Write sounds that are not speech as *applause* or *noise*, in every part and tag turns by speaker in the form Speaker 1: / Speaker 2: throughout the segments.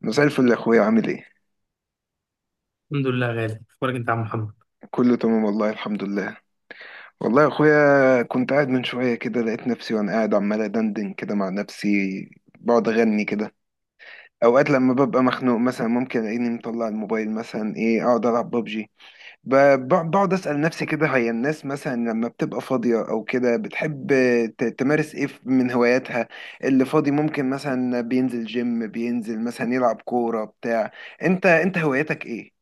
Speaker 1: مساء الفل يا اخويا، عامل ايه؟
Speaker 2: الحمد لله. غالي اخبارك انت يا عم محمد.
Speaker 1: كله تمام، والله الحمد لله. والله يا اخويا، كنت قاعد من شويه كده، لقيت نفسي وانا قاعد عمال ادندن كده مع نفسي. بقعد اغني كده. اوقات لما ببقى مخنوق مثلا، ممكن الاقيني مطلع الموبايل، مثلا ايه اقعد العب ببجي. بقعد اسال نفسي كده، هي الناس مثلا لما بتبقى فاضيه او كده بتحب تمارس ايه من هواياتها؟ اللي فاضي ممكن مثلا بينزل جيم، بينزل مثلا يلعب كوره بتاع. انت هواياتك ايه؟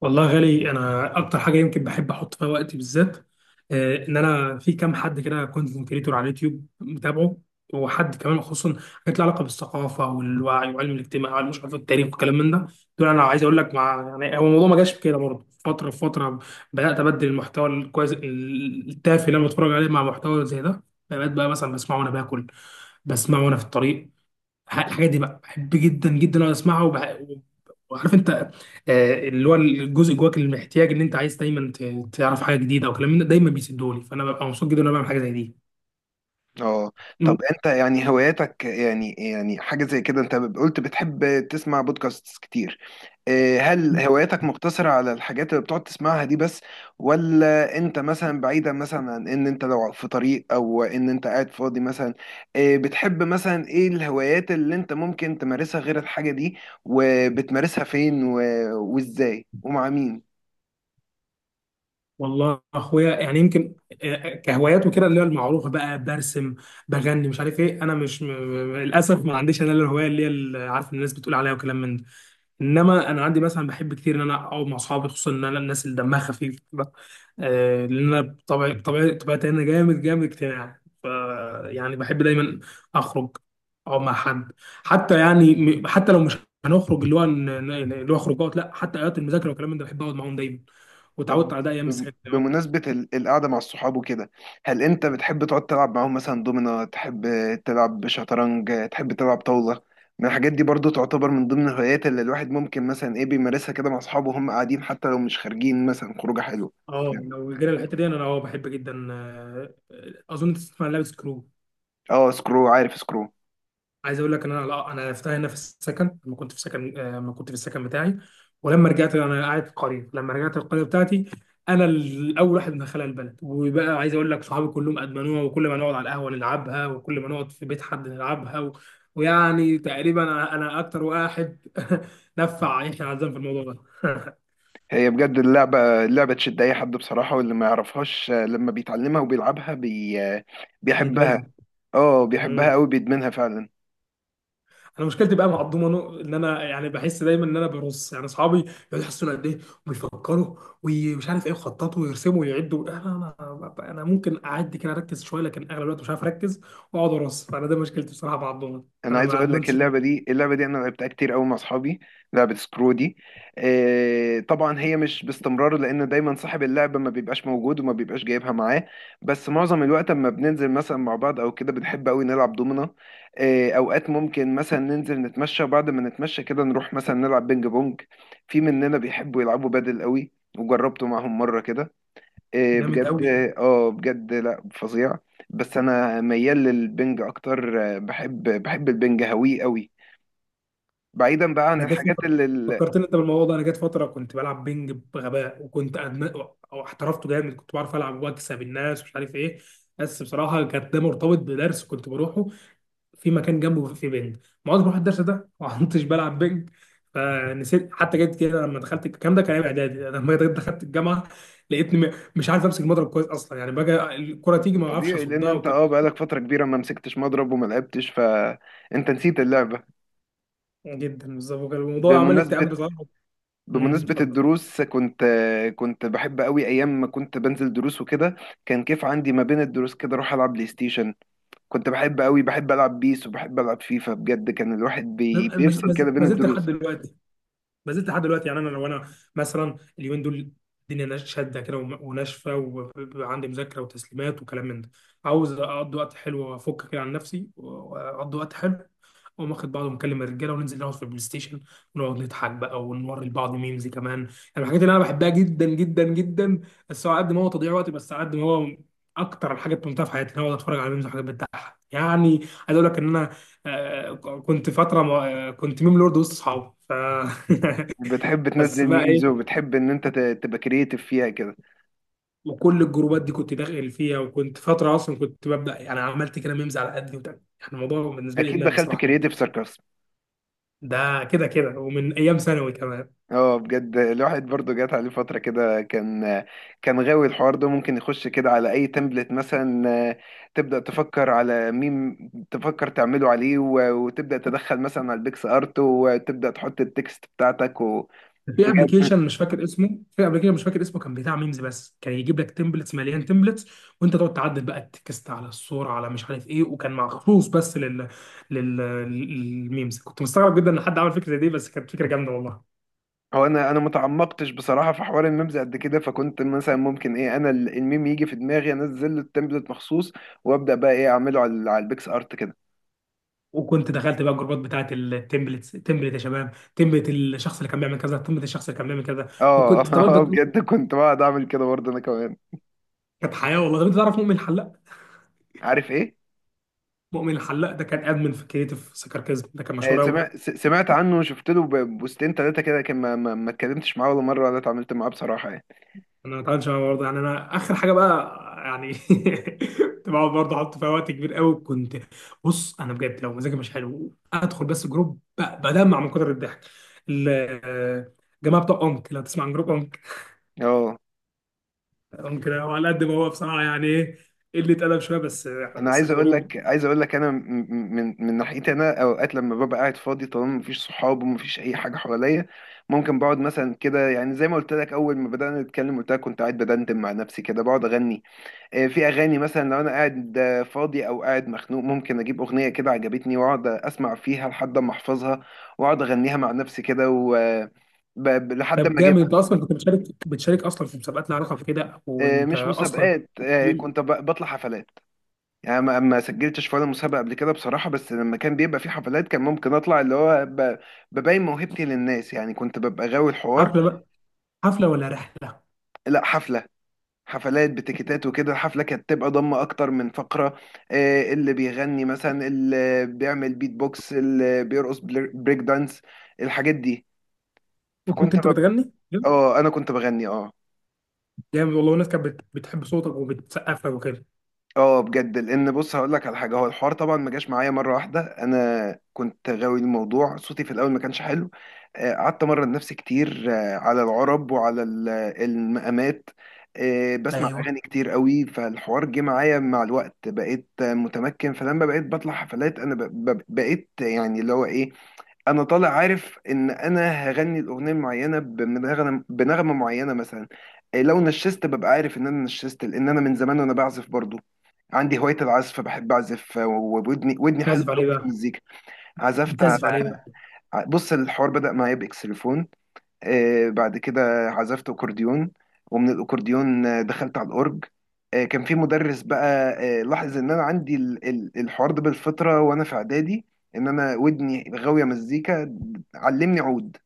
Speaker 2: والله يا غالي، انا اكتر حاجه يمكن بحب احط فيها وقتي بالذات، ان انا في كام حد كده كونتنت كريتور على اليوتيوب متابعه، وحد كمان خصوصا حاجات لها علاقه بالثقافه والوعي وعلم الاجتماع وعلم مش عارف التاريخ والكلام من ده. دول انا عايز اقول لك، مع يعني هو الموضوع ما جاش كده برضه، فتره فتره بدات ابدل المحتوى الكويس التافه اللي انا بتفرج عليه مع محتوى زي ده. بقيت بقى مثلا بسمعه وانا باكل، بسمعه وانا في الطريق. الحاجات دي بقى بحب جدا جدا اقعد اسمعها وعارف انت، اللي هو الجزء جواك اللي محتاج ان انت عايز دايما تعرف حاجه جديده وكلام من ده دايما بيسدولي، فانا ببقى مبسوط جدا وانا بعمل حاجه زي دي.
Speaker 1: اه. طب
Speaker 2: م-
Speaker 1: انت، يعني هواياتك يعني حاجة زي كده، انت قلت بتحب تسمع بودكاست كتير؟ اه، هل هواياتك مقتصرة على الحاجات اللي بتقعد تسمعها دي بس؟ ولا انت مثلا بعيدا، مثلا عن ان انت لو في طريق او ان انت قاعد فاضي مثلا، اه، بتحب مثلا ايه الهوايات اللي انت ممكن تمارسها غير الحاجة دي؟ وبتمارسها فين وازاي ومع مين؟
Speaker 2: والله اخويا يعني يمكن، كهوايات وكده، اللي هي المعروفه بقى، برسم، بغني، مش عارف ايه. انا مش م... م- للاسف ما عنديش انا الهوايه اللي هي اللي عارف الناس بتقول عليها وكلام من ده. انما انا عندي مثلا بحب كتير ان انا اقعد مع اصحابي، خصوصا ان انا الناس اللي دمها خفيف بقى. آه، لان انا بطبعي طبيعتي انا جامد اجتماعي. ف، يعني بحب دايما اخرج، اقعد مع حد، حتى يعني حتى لو مش هنخرج، اللي هو اللي هو خروجات لا، حتى اوقات المذاكره والكلام من ده بحب اقعد معاهم دايما، وتعودت
Speaker 1: طب
Speaker 2: على ده ايام السكن كمان.
Speaker 1: بمناسبة القعدة مع الصحاب وكده، هل أنت بتحب تقعد تلعب معاهم مثلا دومينو، تحب تلعب شطرنج، تحب تلعب طاولة؟ من الحاجات دي برضو تعتبر من ضمن الهوايات اللي الواحد ممكن مثلا إيه بيمارسها كده مع أصحابه وهم قاعدين، حتى لو مش خارجين مثلا خروجة حلوة.
Speaker 2: اه، لو جينا الحته دي، انا اه بحب جدا. اظن تسمع عن لعبه سكرو.
Speaker 1: اه، سكرو، عارف سكرو.
Speaker 2: عايز اقول لك ان انا لا، انا عرفتها هنا في السكن لما كنت في سكن، لما كنت في السكن بتاعي. ولما رجعت انا قاعد في قريه، لما رجعت القريه بتاعتي، انا الاول واحد من خلال البلد، وبقى عايز اقول لك صحابي كلهم ادمنوها، وكل ما نقعد على القهوه نلعبها، وكل ما نقعد في بيت حد نلعبها. ويعني تقريبا انا اكتر واحد *laughs* نفع يحيى عزام في الموضوع ده.
Speaker 1: هي بجد اللعبة اللعبة تشد أي حد بصراحة، واللي ما يعرفهاش لما بيتعلمها وبيلعبها بي... آه،
Speaker 2: *laughs*
Speaker 1: بيحبها.
Speaker 2: يدمنها.
Speaker 1: اه بيحبها قوي، بيدمنها فعلا.
Speaker 2: انا مشكلتي بقى مع الضمنه ان انا يعني بحس دايما ان انا برص، يعني اصحابي يقعدوا يحسوا قد ايه، ويفكروا، ومش عارف ايه، يخططوا ويرسموا ويعدوا. انا ممكن اعدي كده اركز شويه، لكن اغلب الوقت مش عارف اركز واقعد ارص، فانا ده مشكلتي بصراحه مع الضمنه.
Speaker 1: انا
Speaker 2: انا
Speaker 1: عايز
Speaker 2: ما
Speaker 1: اقول لك،
Speaker 2: ادمنش ده.
Speaker 1: اللعبه دي اللعبه دي انا لعبتها كتير قوي مع اصحابي، لعبه سكرو دي. طبعا هي مش باستمرار، لان دايما صاحب اللعبه ما بيبقاش موجود وما بيبقاش جايبها معاه. بس معظم الوقت، اما بننزل مثلا مع بعض او كده، بنحب قوي نلعب دومنا. اوقات ممكن مثلا ننزل نتمشى، وبعد ما نتمشى كده نروح مثلا نلعب بينج بونج. في مننا بيحبوا يلعبوا بادل قوي، وجربته معاهم مره كده، إيه
Speaker 2: جامد
Speaker 1: بجد.
Speaker 2: قوي.
Speaker 1: اه بجد، لا، فظيع. بس انا ميال للبنج اكتر، بحب البنج هويه قوي. بعيدا بقى عن
Speaker 2: انا جت
Speaker 1: الحاجات
Speaker 2: فتره،
Speaker 1: اللي
Speaker 2: فكرتني انت بالموضوع ده، انا جت فتره كنت بلعب بينج بغباء، او احترفته جامد، كنت بعرف العب واكسب الناس ومش عارف ايه. بس بصراحه كانت ده مرتبط بدرس كنت بروحه، في مكان جنبه في بنج. ما عدتش بروح الدرس ده، ما عدتش بلعب بنج، فنسيت. حتى جت كده لما دخلت، الكلام ده كان ايام اعدادي، لما جيت دخلت الجامعه لقيتني مش عارف امسك المضرب كويس اصلا، يعني بقى الكره تيجي ما اعرفش
Speaker 1: الطبيعي لان
Speaker 2: اصدها.
Speaker 1: انت
Speaker 2: وكان
Speaker 1: بقالك فتره كبيره ما مسكتش مضرب وما لعبتش، فانت نسيت اللعبه.
Speaker 2: جدا بالظبط، وكان الموضوع عمل لي اكتئاب
Speaker 1: بمناسبه
Speaker 2: بصراحه.
Speaker 1: بمناسبه
Speaker 2: اتفضل.
Speaker 1: الدروس، كنت بحب قوي ايام ما كنت بنزل دروس وكده. كان كيف عندي ما بين الدروس كده اروح العب بلاي ستيشن، كنت بحب قوي، بحب العب بيس وبحب العب فيفا، بجد كان الواحد
Speaker 2: أنا ما زلت،
Speaker 1: بيفصل كده بين
Speaker 2: ما زلت لحد
Speaker 1: الدروس.
Speaker 2: دلوقتي، ما زلت لحد دلوقتي. يعني انا لو انا مثلا اليومين دول الدنيا شاده كده وناشفه، وعندي مذاكره وتسليمات وكلام من ده، عاوز اقضي وقت حلو وافك كده عن نفسي واقضي وقت حلو، اقوم واخد بعضه ومكلم الرجاله وننزل نقعد في البلاي ستيشن ونقعد نضحك بقى ونوري لبعض ميمز كمان يعني. من الحاجات اللي انا بحبها جدا جدا جدا. بس هو قد ما هو تضييع وقت، بس على قد ما هو اكتر الحاجات بممتعه في حياتي ان انا اقعد اتفرج على ميمز وحاجات بتضحك يعني. عايز اقول لك ان انا، آه، كنت فتره كنت ميم لورد وسط اصحابي، ف *laughs*
Speaker 1: بتحب
Speaker 2: بس
Speaker 1: تنزل
Speaker 2: بقى
Speaker 1: ميمز،
Speaker 2: ايه.
Speaker 1: وبتحب ان انت تبقى كرييتيف فيها كده؟
Speaker 2: وكل الجروبات دي كنت داخل فيها، وكنت فتره اصلا كنت ببدا يعني، عملت كده ميمز على قدي. وتاني يعني الموضوع بالنسبه لي
Speaker 1: اكيد
Speaker 2: ادمان
Speaker 1: دخلت
Speaker 2: بصراحه جدا،
Speaker 1: كرييتيف ساركاسم.
Speaker 2: ده كده كده، ومن ايام ثانوي كمان.
Speaker 1: اه بجد، الواحد برضو جات عليه فتره كده، كان غاوي الحوار ده، ممكن يخش كده على اي تمبلت مثلا، تبدا تفكر على ميم، تفكر تعمله عليه وتبدا تدخل مثلا على البيكس ارت وتبدا تحط التكست بتاعتك،
Speaker 2: في
Speaker 1: وبجد
Speaker 2: ابلكيشن مش فاكر اسمه، في ابلكيشن مش فاكر اسمه، كان بتاع ميمز بس، كان يجيب لك تمبلتس، مليان تمبلتس، وانت تقعد تعدل بقى التكست على الصوره على مش عارف ايه. وكان مخصوص بس لل للميمز. كنت مستغرب جدا ان حد عمل فكره زي دي، بس كانت فكره جامده والله.
Speaker 1: هو انا متعمقتش بصراحه في حوار الميمز قد كده، فكنت مثلا ممكن ايه انا الميم يجي في دماغي انزل له التمبلت مخصوص، وابدا بقى ايه اعمله على البيكس ارت كده.
Speaker 2: وكنت دخلت بقى الجروبات بتاعت التمبلتس، تمبلت يا شباب، تمبلت الشخص اللي كان بيعمل كذا، تمبلت الشخص اللي كان بيعمل كذا.
Speaker 1: اه.
Speaker 2: وكنت، طب انت.
Speaker 1: *laughs* بجد كنت بقعد اعمل كده برضه انا كمان.
Speaker 2: كانت حياه والله. طب انت تعرف مؤمن الحلاق؟
Speaker 1: عارف ايه؟
Speaker 2: مؤمن الحلاق ده كان ادمن في كريتيف سكاركيزم، ده كان مشهور قوي.
Speaker 1: سمعت سمعت عنه وشفت له بوستين ثلاثه كده، لكن ما اتكلمتش معاه ولا مره ولا اتعاملت معاه بصراحه يعني.
Speaker 2: انا متعاملش معاه برضه، يعني انا اخر حاجه بقى، يعني *laughs* كنت بقعد برضه احط فيها وقت كبير قوي. كنت، بص، انا بجد لو مزاجي مش حلو ادخل بس جروب بدمع من كتر الضحك. ال- آه، الجماعه بتوع امك، لو تسمع عن جروب امك.
Speaker 1: اه.
Speaker 2: امك ده على قد ما هو بصراحه يعني ايه، اللي اتقلب شويه، بس
Speaker 1: انا
Speaker 2: بس
Speaker 1: عايز اقول لك
Speaker 2: الجروب.
Speaker 1: عايز اقول لك انا من ناحيتي، انا اوقات لما ببقى قاعد فاضي طالما مفيش صحاب ومفيش اي حاجه حواليا، ممكن بقعد مثلا كده، يعني زي ما قلت لك اول ما بدانا نتكلم قلت لك كنت قاعد بدندن مع نفسي كده بقعد اغني. في اغاني مثلا لو انا قاعد فاضي او قاعد مخنوق، ممكن اجيب اغنيه كده عجبتني، واقعد اسمع فيها لحد ما احفظها، واقعد اغنيها مع نفسي كده و آه، ب- ب- لحد
Speaker 2: طب
Speaker 1: ما
Speaker 2: جامد، انت
Speaker 1: اجيبها.
Speaker 2: اصلا كنت بتشارك اصلا في مسابقات لها علاقه بكده، وانت
Speaker 1: مش
Speaker 2: اصلا.
Speaker 1: مسابقات، كنت بطلع حفلات. يعني ما سجلتش في ولا مسابقة قبل كده بصراحة، بس لما كان بيبقى في حفلات كان ممكن أطلع اللي هو ببين موهبتي للناس، يعني كنت ببقى غاوي الحوار.
Speaker 2: حفله بقى، حفله ولا رحله؟
Speaker 1: لا، حفلة، حفلات بتيكيتات وكده، الحفلة كانت تبقى ضمة أكتر من فقرة، اللي بيغني مثلا، اللي بيعمل بيت بوكس، اللي بيرقص بريك دانس الحاجات دي، فكنت
Speaker 2: وكنت انت
Speaker 1: ببقى.
Speaker 2: بتغني؟
Speaker 1: اه، أنا كنت بغني. اه.
Speaker 2: جامد والله. والناس كانت بتحب صوتك وبتسقف لك وكده.
Speaker 1: اه بجد، لان بص هقول لك على حاجه، هو الحوار طبعا ما جاش معايا مره واحده، انا كنت غاوي الموضوع، صوتي في الاول ما كانش حلو. قعدت امرن نفسي كتير على العرب وعلى المقامات. بسمع
Speaker 2: ايوه.
Speaker 1: اغاني كتير قوي، فالحوار جه معايا مع الوقت، بقيت متمكن، فلما بقيت بطلع حفلات انا بقيت يعني اللي هو ايه، انا طالع عارف ان انا هغني الاغنيه المعينه بنغمه معينه مثلا. إيه، لو نشست ببقى عارف ان انا نشست، لان انا من زمان وانا بعزف برضو، عندي هوايه العزف، فبحب اعزف وودني ودني حلوه
Speaker 2: بتعزف
Speaker 1: قوي
Speaker 2: عليه
Speaker 1: في
Speaker 2: بقى؟
Speaker 1: المزيكا. عزفت على.
Speaker 2: بتعزف عليه بقى؟
Speaker 1: بص الحوار بدا معايا باكسليفون. بعد كده عزفت أكورديون، ومن الأكورديون دخلت على الأورج. كان في مدرس بقى، لاحظ إن أنا عندي الحوار ده بالفطرة وأنا في إعدادي، إن أنا ودني غاوية مزيكا، علمني عود،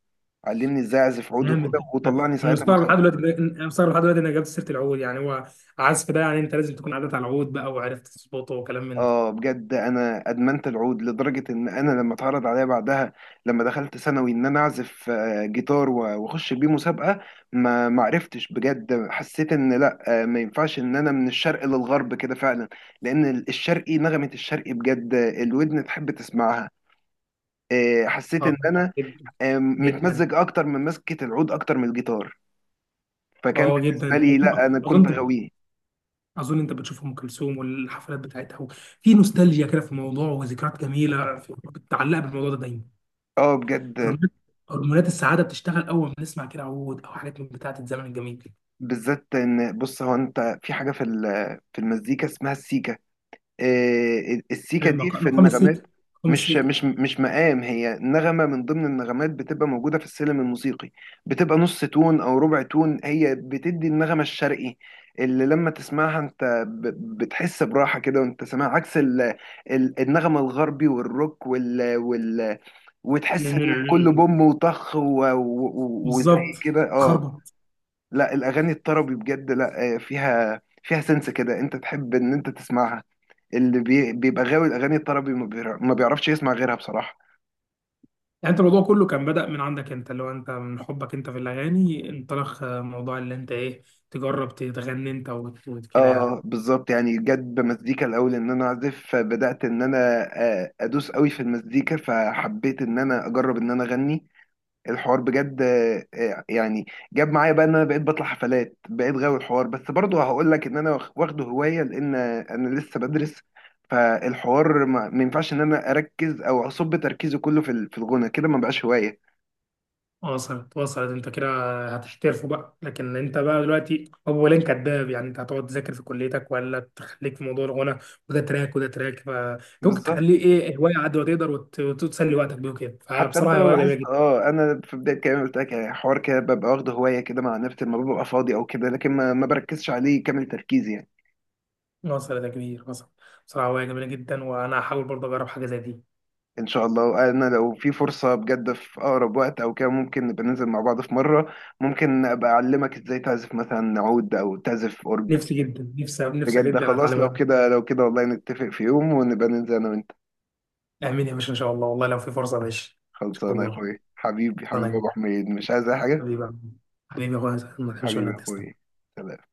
Speaker 1: علمني إزاي أعزف عود وكده،
Speaker 2: جامد.
Speaker 1: وطلعني
Speaker 2: انا
Speaker 1: ساعتها
Speaker 2: مستغرب لحد
Speaker 1: مسابقة.
Speaker 2: دلوقتي، انا مستغرب لحد دلوقتي انك جبت سيره العود. يعني هو عزف ده، يعني انت لازم تكون عدت على العود بقى وعرفت تظبطه وكلام من ده.
Speaker 1: اه بجد، انا ادمنت العود لدرجه ان انا لما اتعرض عليا بعدها، لما دخلت ثانوي، ان انا اعزف جيتار واخش بيه مسابقه، ما عرفتش بجد، حسيت ان لا ما ينفعش ان انا من الشرق للغرب كده فعلا. لان الشرقي نغمه، الشرقي بجد الودن تحب تسمعها، حسيت
Speaker 2: اه
Speaker 1: ان انا
Speaker 2: جدا. جدا.
Speaker 1: متمزج اكتر من مسكه العود اكتر من الجيتار. فكان
Speaker 2: اه
Speaker 1: بالنسبه
Speaker 2: جدا.
Speaker 1: لي،
Speaker 2: اظن،
Speaker 1: لا انا
Speaker 2: اظن،
Speaker 1: كنت غاويه.
Speaker 2: اظن انت بتشوف ام كلثوم والحفلات بتاعتها. في نوستالجيا كده في الموضوع، وذكريات جميله متعلقه بالموضوع ده دايما.
Speaker 1: اه بجد،
Speaker 2: هرمونات، هرمونات السعاده بتشتغل اول ما نسمع كده عود او حاجات من بتاعه الزمن الجميل.
Speaker 1: بالذات ان بص، هو انت في حاجه في المزيكا اسمها السيكا، إيه، السيكا دي
Speaker 2: مقام
Speaker 1: في
Speaker 2: مقام السيكه.
Speaker 1: النغمات.
Speaker 2: مقام
Speaker 1: مش مقام، هي نغمه من ضمن النغمات بتبقى موجوده في السلم الموسيقي، بتبقى نص تون او ربع تون، هي بتدي النغمه الشرقي، اللي لما تسمعها انت بتحس براحه كده وانت سامعها، عكس النغمه الغربي والروك وال وال وتحس ان كله
Speaker 2: السيكه.
Speaker 1: بوم وطخ و- وزي
Speaker 2: بالظبط.
Speaker 1: كده. اه.
Speaker 2: خربط.
Speaker 1: لا الاغاني الطربي بجد، لا فيها سنس كده، انت تحب ان انت تسمعها. اللي بيبقى غاوي الاغاني الطربي، ما بيعرفش يسمع غيرها بصراحه.
Speaker 2: يعني انت الموضوع كله كان بدأ من عندك انت، اللي هو انت من حبك انت في الاغاني انطلق، موضوع اللي انت ايه، تجرب تغني انت وكده يعني.
Speaker 1: اه بالظبط، يعني جت بمزيكا الاول ان انا اعزف، فبدات ان انا ادوس قوي في المزيكا، فحبيت ان انا اجرب ان انا اغني. الحوار بجد، يعني جاب معايا بقى ان انا بقيت بطلع حفلات، بقيت غاوي الحوار، بس برضه هقول لك ان انا واخده هوايه، لان انا لسه بدرس، فالحوار ما ينفعش ان انا اركز او اصب تركيزي كله في الغنى كده، ما بقاش هوايه.
Speaker 2: وصلت انت كده، هتحترفه بقى. لكن انت بقى دلوقتي اولا كداب، يعني انت هتقعد تذاكر في كليتك ولا تخليك في موضوع الغنى، وده تراك وده تراك، فانت ممكن
Speaker 1: بالظبط،
Speaker 2: تخليه ايه، هوايه عاد ما تقدر، وتسلي وقتك بيه وكده.
Speaker 1: حتى انت
Speaker 2: فبصراحه
Speaker 1: لو
Speaker 2: هوايه جميله
Speaker 1: لاحظت،
Speaker 2: جدا.
Speaker 1: انا في بدايه كلامي قلت لك يعني حوار كده ببقى واخده هوايه كده مع نفسي لما ببقى فاضي او كده، لكن ما بركزش عليه كامل تركيزي يعني.
Speaker 2: وصلت يا كبير، وصلت. بصراحه هوايه جميله جدا، وانا هحاول برضه اجرب حاجه زي دي.
Speaker 1: ان شاء الله، وانا لو في فرصة بجد في اقرب وقت او كده، ممكن نبقى ننزل مع بعض في مرة، ممكن ابقى اعلمك ازاي تعزف مثلا عود او تعزف اورج.
Speaker 2: نفسي جدا، نفسي
Speaker 1: بجد
Speaker 2: جدا
Speaker 1: خلاص،
Speaker 2: اتعلم
Speaker 1: لو
Speaker 2: عوم.
Speaker 1: كده لو كده والله، نتفق في يوم ونبقى ننزل انا وانت.
Speaker 2: امين يا باشا، ان شاء الله. والله لو في فرصه ماشي، ان شاء
Speaker 1: خلصانه يا
Speaker 2: الله.
Speaker 1: اخويا، حبيبي
Speaker 2: ربنا
Speaker 1: حبيبي يا
Speaker 2: يعينك.
Speaker 1: ابو حميد، مش عايز اي حاجة.
Speaker 2: حبيبي يا عم. حبيبي يا اخويا، ما تحبش
Speaker 1: حبيبي يا
Speaker 2: منك تسلم.
Speaker 1: اخويا. سلام.